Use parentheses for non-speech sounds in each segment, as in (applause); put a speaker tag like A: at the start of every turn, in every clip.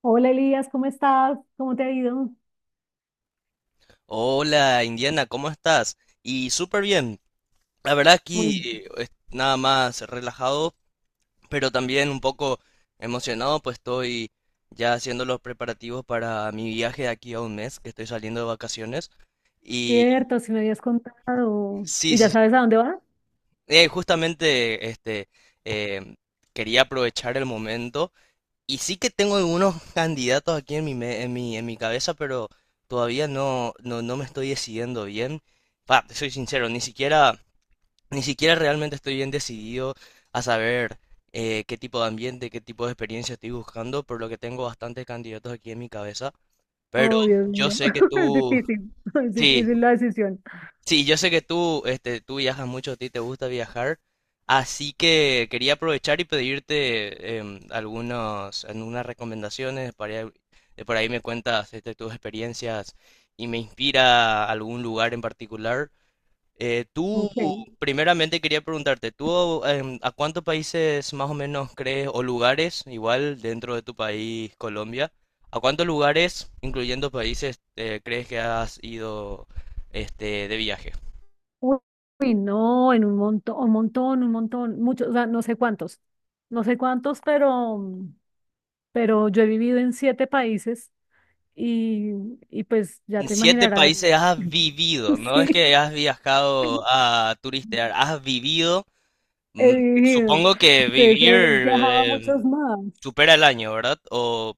A: Hola Elías, ¿cómo estás? ¿Cómo te ha ido?
B: Hola Indiana, ¿cómo estás? Y súper bien. La verdad aquí
A: Muy.
B: es nada más relajado, pero también un poco emocionado, pues estoy ya haciendo los preparativos para mi viaje de aquí a un mes, que estoy saliendo de vacaciones. Y
A: Cierto, si me habías contado.
B: sí,
A: ¿Y ya
B: sí,
A: sabes a dónde va?
B: justamente este, em, quería aprovechar el momento. Y sí que tengo algunos candidatos aquí en mi, me- en mi cabeza, pero todavía no, no, no me estoy decidiendo bien. Pa, te soy sincero, ni siquiera. Ni siquiera realmente estoy bien decidido a saber qué tipo de ambiente, qué tipo de experiencia estoy buscando, por lo que tengo bastantes candidatos aquí en mi cabeza. Pero
A: Oh, Dios
B: yo
A: mío,
B: sé que
A: (laughs) es
B: tú,
A: difícil, (laughs) es
B: sí,
A: difícil la decisión.
B: sí, yo sé que tú, este, tú viajas mucho, a ti te gusta viajar, así que quería aprovechar y pedirte algunas recomendaciones. Por ahí me cuentas este, tus experiencias y me inspira algún lugar en particular. Tú,
A: Ok.
B: primeramente quería preguntarte, ¿tú a cuántos países más o menos crees, o lugares, igual dentro de tu país, Colombia, a cuántos lugares, incluyendo países, crees que has ido este, de viaje?
A: Uy, no, en un montón, un montón, un montón, muchos, o sea, no sé cuántos, no sé cuántos, pero yo he vivido en siete países y, y pues ya
B: En
A: te
B: siete
A: imaginarás.
B: países has vivido,
A: (laughs)
B: no es
A: Sí,
B: que has viajado a turistear, has vivido.
A: he
B: mm,
A: vivido,
B: Supongo que
A: entonces
B: vivir
A: he viajado a muchos
B: em,
A: más,
B: supera el año, ¿verdad? O,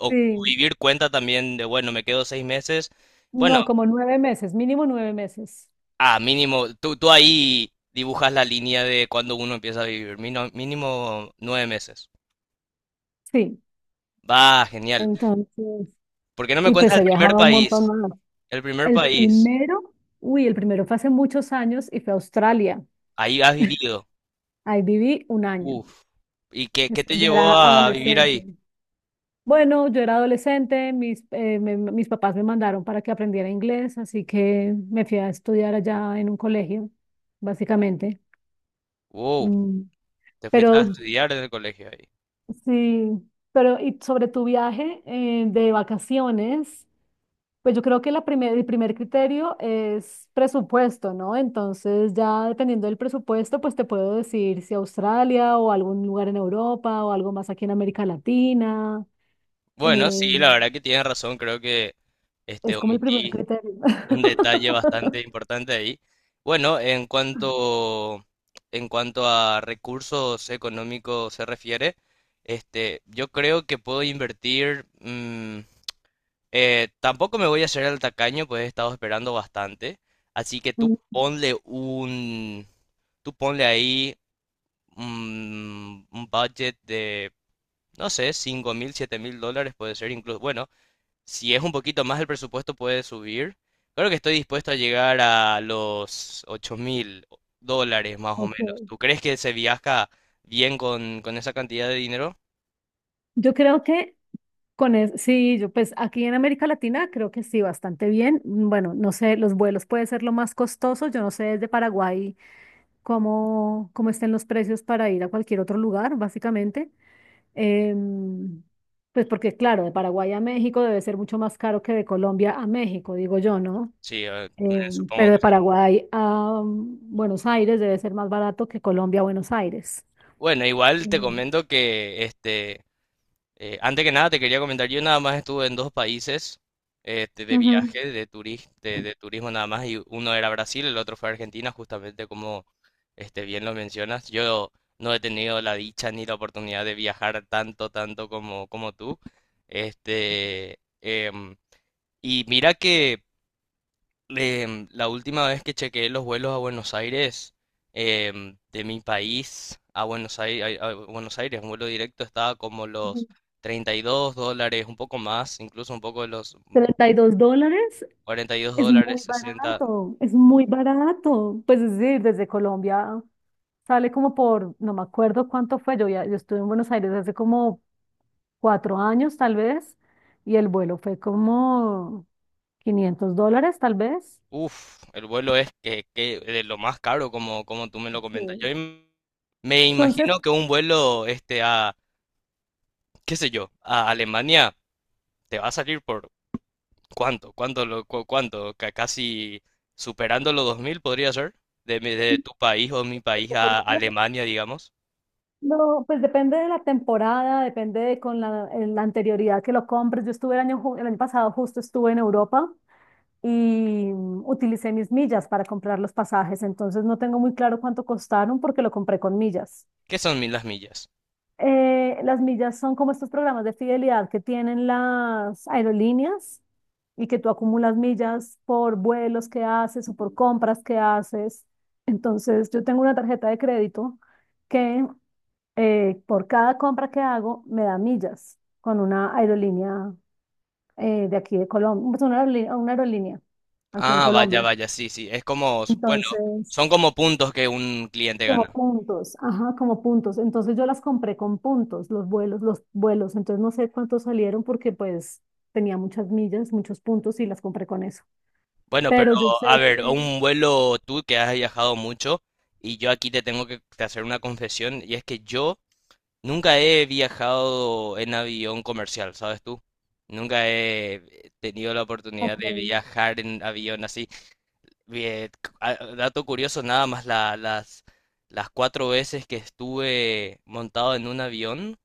B: o
A: sí.
B: vivir cuenta también de, bueno, me quedo 6 meses. Bueno.
A: No, como 9 meses, mínimo 9 meses.
B: Ah, mínimo, tú ahí dibujas la línea de cuando uno empieza a vivir, mínimo 9 meses.
A: Sí,
B: Va, genial.
A: entonces,
B: ¿Por qué no me
A: y pues
B: cuentas
A: he
B: el primer
A: viajado un
B: país?
A: montón más.
B: El primer
A: El
B: país,
A: primero, uy, el primero fue hace muchos años y fue a Australia.
B: ahí has vivido.
A: Ahí viví un año.
B: Uf. ¿Y qué te
A: Yo
B: llevó
A: era
B: a vivir
A: adolescente.
B: ahí?
A: Bueno, yo era adolescente, mis papás me mandaron para que aprendiera inglés, así que me fui a estudiar allá en un colegio, básicamente.
B: Wow,
A: Mm.
B: te fuiste a
A: Pero
B: estudiar desde el colegio ahí.
A: sí, pero y sobre tu viaje de vacaciones. Pues yo creo que el primer criterio es presupuesto, ¿no? Entonces ya dependiendo del presupuesto, pues te puedo decir si Australia o algún lugar en Europa o algo más aquí en América Latina.
B: Bueno,
A: Eh,
B: sí, la verdad que tienes razón, creo que este,
A: es como el primer
B: omití.
A: criterio.
B: Un detalle bastante
A: (laughs)
B: importante ahí. Bueno, en cuanto a recursos económicos se refiere, este, yo creo que puedo invertir. Tampoco me voy a hacer el tacaño, pues he estado esperando bastante, así que tú
A: Mm,
B: ponle un, tú ponle ahí un budget de, no sé, 5.000, $7.000 puede ser incluso, bueno, si es un poquito más el presupuesto, puede subir. Creo que estoy dispuesto a llegar a los $8.000 más o menos.
A: ok.
B: ¿Tú crees que se viaja bien con esa cantidad de dinero?
A: Yo creo que con eso, sí, yo pues aquí en América Latina creo que sí, bastante bien. Bueno, no sé, los vuelos puede ser lo más costoso. Yo no sé desde Paraguay cómo estén los precios para ir a cualquier otro lugar, básicamente. Em, pues porque, claro, de Paraguay a México debe ser mucho más caro que de Colombia a México, digo yo, ¿no?
B: Sí,
A: Pero
B: supongo que
A: de
B: sí.
A: Paraguay a Buenos Aires debe ser más barato que Colombia a Buenos Aires.
B: Bueno, igual te
A: Em,
B: comento que este, antes que nada, te quería comentar, yo nada más estuve en dos países este, de
A: Ujú,
B: viaje, de turismo nada más, y uno era Brasil, el otro fue Argentina, justamente como este, bien lo mencionas. Yo no he tenido la dicha ni la oportunidad de viajar tanto, tanto como tú. Este, em, y mira que la última vez que chequeé los vuelos a Buenos Aires, de mi país a Buenos Aires, a Buenos Aires, un vuelo directo estaba como
A: ujú.
B: los $32, un poco más, incluso un poco de los
A: $32
B: 42
A: es muy
B: dólares, 60.
A: barato, es muy barato. Pues es decir, desde Colombia sale como por, no me acuerdo cuánto fue, yo, ya, yo estuve en Buenos Aires hace como 4 años tal vez, y el vuelo fue como $500 tal vez.
B: Uf, el vuelo es que de lo más caro, como tú me lo comentas. Yo
A: Sí.
B: me
A: Entonces,
B: imagino que un vuelo este, a, qué sé yo, a Alemania te va a salir por, ¿cuánto? ¿Cuánto? ¿Cuánto? Casi superando los 2.000 podría ser. De tu país o mi país a Alemania, digamos.
A: no, pues depende de la temporada, depende de con la anterioridad que lo compres. Yo estuve el año, el año pasado, justo estuve en Europa y utilicé mis millas para comprar los pasajes, entonces no tengo muy claro cuánto costaron porque lo compré con millas.
B: ¿Qué son mil las millas?
A: Las millas son como estos programas de fidelidad que tienen las aerolíneas y que tú acumulas millas por vuelos que haces o por compras que haces. Entonces, yo tengo una tarjeta de crédito que por cada compra que hago me da millas con una aerolínea de aquí de Colombia, pues, una aerolínea aquí en
B: Ah,
A: Colombia.
B: vaya, vaya, sí, sí. Es como, bueno,
A: Entonces,
B: son como puntos que un cliente
A: como
B: gana.
A: puntos, ajá, como puntos. Entonces yo las compré con puntos, los vuelos, los vuelos. Entonces no sé cuántos salieron porque pues tenía muchas millas, muchos puntos y las compré con eso.
B: Bueno, pero
A: Pero yo sé
B: a ver,
A: que,
B: un vuelo tú que has viajado mucho, y yo aquí te tengo que te hacer una confesión y es que yo nunca he viajado en avión comercial, ¿sabes tú? Nunca he tenido la oportunidad
A: ok,
B: de viajar en avión así. Bien, dato curioso, nada más las cuatro veces que estuve montado en un avión,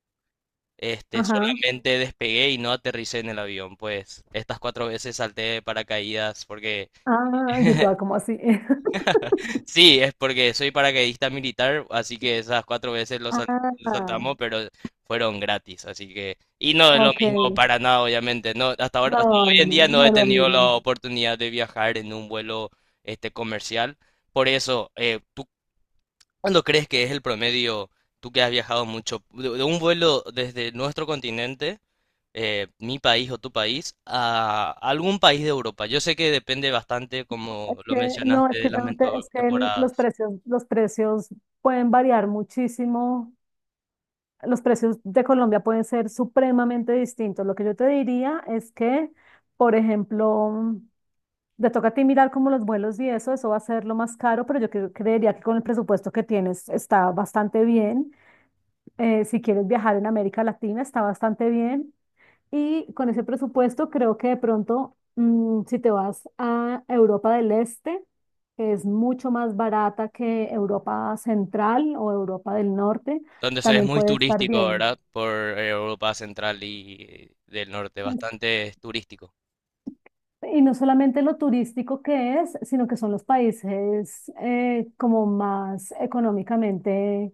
B: este,
A: ajá,
B: solamente despegué y no aterricé en el avión. Pues estas cuatro veces salté de paracaídas porque
A: ah, yo
B: (laughs)
A: estaba como así. (laughs)
B: sí, es porque soy paracaidista militar, así que esas cuatro veces lo
A: Ah,
B: saltamos, pero fueron gratis, así que, y no es lo
A: ok.
B: mismo para nada, obviamente. No, hasta ahora,
A: No,
B: hasta
A: no,
B: hoy en
A: no,
B: día no
A: no
B: he
A: es lo
B: tenido la
A: mismo.
B: oportunidad de viajar en un vuelo este, comercial. Por eso, ¿tú cuándo crees que es el promedio, tú que has viajado mucho, de un vuelo desde nuestro continente, mi país o tu país, a algún país de Europa? Yo sé que depende bastante, como
A: Es
B: lo
A: que, no,
B: mencionaste,
A: es
B: de
A: que, ya
B: las
A: no te-, es
B: mento-
A: que el-, los
B: temporadas.
A: precios, los precios pueden variar muchísimo. Los precios de Colombia pueden ser supremamente distintos. Lo que yo te diría es que, por ejemplo, te toca a ti mirar como los vuelos y eso va a ser lo más caro, pero yo creería que con el presupuesto que tienes está bastante bien. Si quieres viajar en América Latina, está bastante bien. Y con ese presupuesto creo que de pronto, si te vas a Europa del Este, que es mucho más barata que Europa Central o Europa del Norte,
B: Donde es
A: también
B: muy
A: puede estar
B: turístico,
A: bien.
B: ¿verdad? Por Europa Central y del Norte, bastante turístico.
A: Y no solamente lo turístico que es, sino que son los países como más económicamente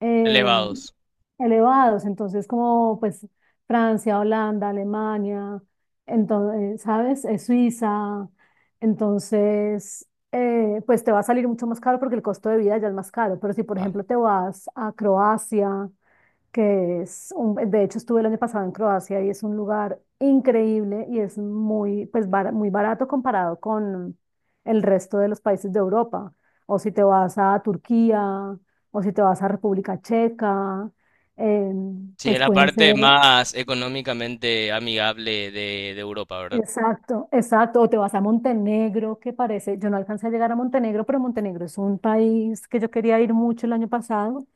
A: eh,
B: Elevados.
A: elevados. Entonces, como pues Francia, Holanda, Alemania, entonces, ¿sabes? Suiza. Entonces, pues te va a salir mucho más caro porque el costo de vida ya es más caro. Pero si, por
B: Ah,
A: ejemplo, te vas a Croacia que es un, de hecho estuve el año pasado en Croacia y es un lugar increíble y es muy, pues, muy barato comparado con el resto de los países de Europa. O si te vas a Turquía, o si te vas a República Checa,
B: sí, es
A: pues
B: la
A: pueden ser,
B: parte más económicamente amigable de Europa, ¿verdad?
A: exacto, exacto, o te vas a Montenegro, que parece, yo no alcancé a llegar a Montenegro, pero Montenegro es un país que yo quería ir mucho el año pasado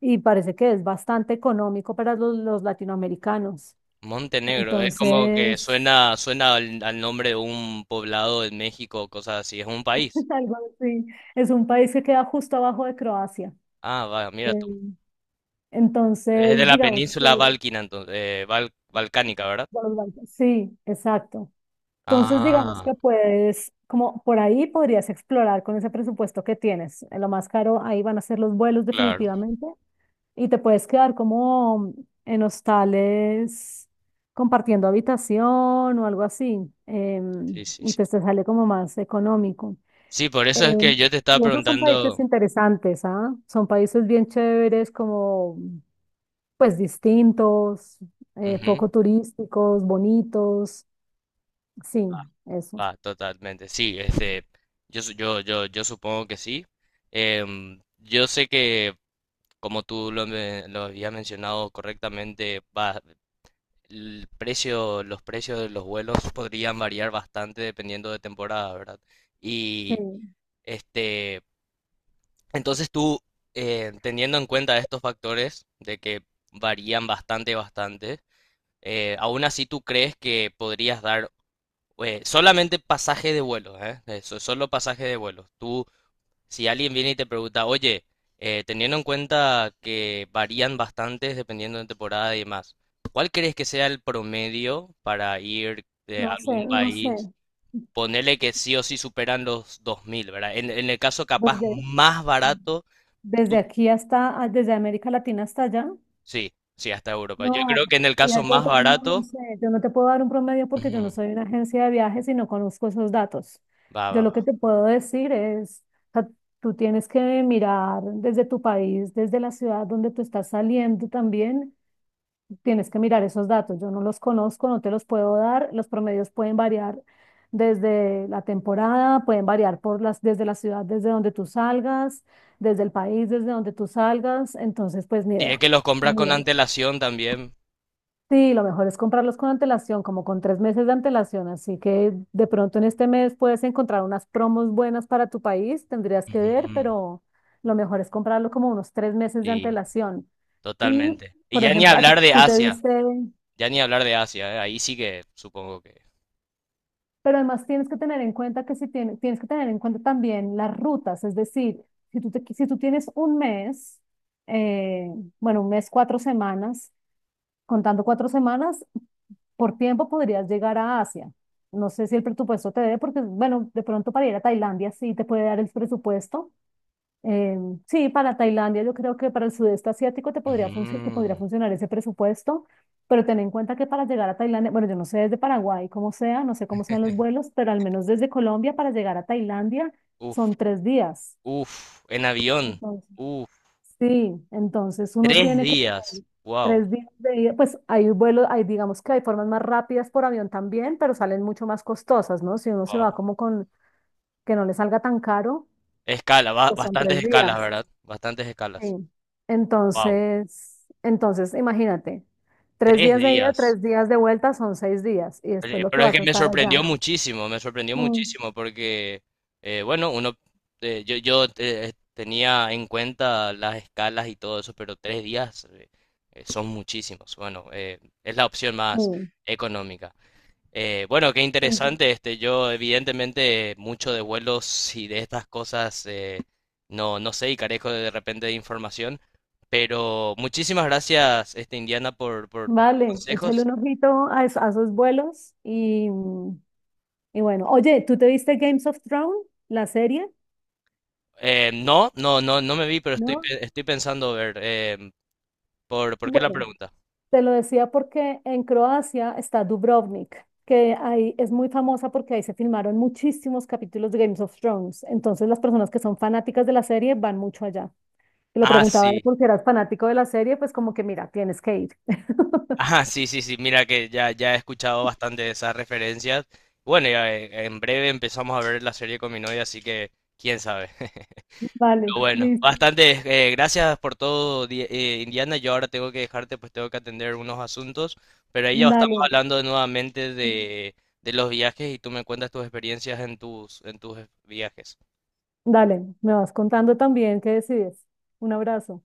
A: y parece que es bastante económico para los latinoamericanos.
B: Montenegro, es como que
A: Entonces,
B: suena, suena al nombre de un poblado en México, cosas así, es un país.
A: (laughs) algo así. Es un país que queda justo abajo de Croacia.
B: Ah, va,
A: Eh,
B: mira tú. Es de
A: Entonces,
B: la
A: digamos que
B: península
A: de
B: balcana, entonces, balcánica, ¿verdad?
A: los Balcanes-, sí, exacto. Entonces, digamos
B: Ah,
A: que puedes, como por ahí podrías explorar con ese presupuesto que tienes. Lo más caro ahí van a ser los vuelos
B: claro.
A: definitivamente y te puedes quedar como en hostales compartiendo habitación o algo así.
B: Sí, sí,
A: Y
B: sí.
A: pues te sale como más económico.
B: Sí, por
A: Eh,
B: eso es que yo te estaba
A: y esos son países
B: preguntando.
A: interesantes, ¿ah? Son países bien chéveres, como pues distintos,
B: Ujú.
A: poco turísticos, bonitos. Sí, eso.
B: Ah, totalmente, sí, este, yo supongo que sí. Yo sé que, como tú lo habías mencionado correctamente, va, los precios de los vuelos podrían variar bastante dependiendo de temporada, ¿verdad?
A: Sí,
B: Y, este, entonces tú, teniendo en cuenta estos factores de que varían bastante, bastante, aún así tú crees que podrías dar solamente pasaje de vuelo, ¿eh? Eso, solo pasaje de vuelo. Tú, si alguien viene y te pregunta, oye, teniendo en cuenta que varían bastantes dependiendo de temporada y demás, ¿cuál crees que sea el promedio para ir de
A: no sé,
B: algún
A: no
B: país?
A: sé.
B: Ponerle que sí o sí superan los 2.000, ¿verdad? En el caso capaz
A: Desde,
B: más barato,
A: desde
B: tú-
A: aquí hasta, desde América Latina hasta allá.
B: sí, sí, hasta Europa. Yo
A: No,
B: creo que en el caso
A: la
B: más
A: vuelta, no, no
B: barato,
A: sé, yo no te puedo dar un promedio porque yo
B: ujú,
A: no soy una agencia de viajes y no conozco esos datos.
B: va,
A: Yo
B: va,
A: lo
B: va.
A: que te puedo decir es, o sea, tú tienes que mirar desde tu país, desde la ciudad donde tú estás saliendo también, tienes que mirar esos datos. Yo no los conozco, no te los puedo dar. Los promedios pueden variar desde la temporada, pueden variar por las, desde la ciudad, desde donde tú salgas, desde el país, desde donde tú salgas. Entonces, pues ni
B: Y es
A: idea.
B: que los compras
A: Ni
B: con
A: idea.
B: antelación también.
A: Sí, lo mejor es comprarlos con antelación, como con 3 meses de antelación. Así que de pronto en este mes puedes encontrar unas promos buenas para tu país, tendrías que ver,
B: Ujú,
A: pero lo mejor es comprarlo como unos 3 meses de
B: sí.
A: antelación. Y,
B: Totalmente. Y
A: por
B: ya ni
A: ejemplo, a ti-
B: hablar de
A: tú te
B: Asia,
A: viste,
B: ya ni hablar de Asia, ahí sí que supongo que.
A: pero además tienes que tener en cuenta que si tienes, que tener en cuenta también las rutas, es decir, si tú tienes un mes, eh, bueno, un mes, 4 semanas, contando 4 semanas, por tiempo podrías llegar a Asia. No sé si el presupuesto te dé, porque, bueno, de pronto para ir a Tailandia sí te puede dar el presupuesto. Eh, sí, para Tailandia yo creo que para el sudeste asiático te podría, funcio- te
B: Ujú.
A: podría funcionar ese presupuesto, pero ten en cuenta que para llegar a Tailandia, bueno, yo no sé desde Paraguay cómo sea, no sé cómo sean los vuelos, pero al menos desde Colombia para llegar a Tailandia
B: Uf,
A: son 3 días.
B: uf, en avión,
A: Entonces,
B: uf,
A: Sí, entonces uno
B: tres
A: tiene que
B: días,
A: tener
B: wow,
A: 3 días de ida. Pues hay vuelos, hay digamos que hay formas más rápidas por avión también, pero salen mucho más costosas, ¿no? Si uno se va
B: wow.
A: como con que no le salga tan caro,
B: Escala, ba-
A: pues son
B: bastantes
A: tres
B: escalas,
A: días.
B: ¿verdad? Bastantes escalas,
A: Sí.
B: wow,
A: Entonces, imagínate, tres
B: tres
A: días de ida,
B: días.
A: 3 días de vuelta son 6 días y
B: Pues,
A: después lo que
B: Pero es
A: vas
B: que
A: a estar allá.
B: me sorprendió
A: Mm,
B: muchísimo porque, bueno, uno, yo tenía en cuenta las escalas y todo eso, pero 3 días son muchísimos. Bueno, es la opción más
A: mm,
B: económica. Bueno, qué
A: mm.
B: interesante, este, yo evidentemente mucho de vuelos y de estas cosas no, no sé y carezco de repente de información, pero muchísimas gracias, este, Indiana, por los
A: Vale, échale
B: consejos.
A: un ojito a esos vuelos y. Y bueno, oye, ¿tú te viste Games of Thrones, la serie?
B: No, no, no, no me vi, pero estoy,
A: ¿No?
B: pe- estoy pensando ver. ¿Por qué la
A: Bueno,
B: pregunta?
A: te lo decía porque en Croacia está Dubrovnik, que ahí es muy famosa porque ahí se filmaron muchísimos capítulos de Games of Thrones. Entonces las personas que son fanáticas de la serie van mucho allá. Y lo
B: Ah,
A: preguntaba de
B: sí.
A: por qué eras fanático de la serie, pues como que mira, tienes que ir. (laughs)
B: Ah, sí, sí, sí. Mira que ya, ya he escuchado bastante de esas referencias. Bueno, ya, en breve empezamos a ver la serie con mi novia, así que quién sabe. (laughs) Pero
A: Vale,
B: bueno,
A: listo,
B: bastante. Gracias por todo, Indiana. Yo ahora tengo que dejarte, pues tengo que atender unos asuntos. Pero ahí ya estamos
A: dale.
B: hablando nuevamente de los viajes y tú me cuentas tus experiencias en tus viajes.
A: Dale, me vas contando también qué decides. Un abrazo.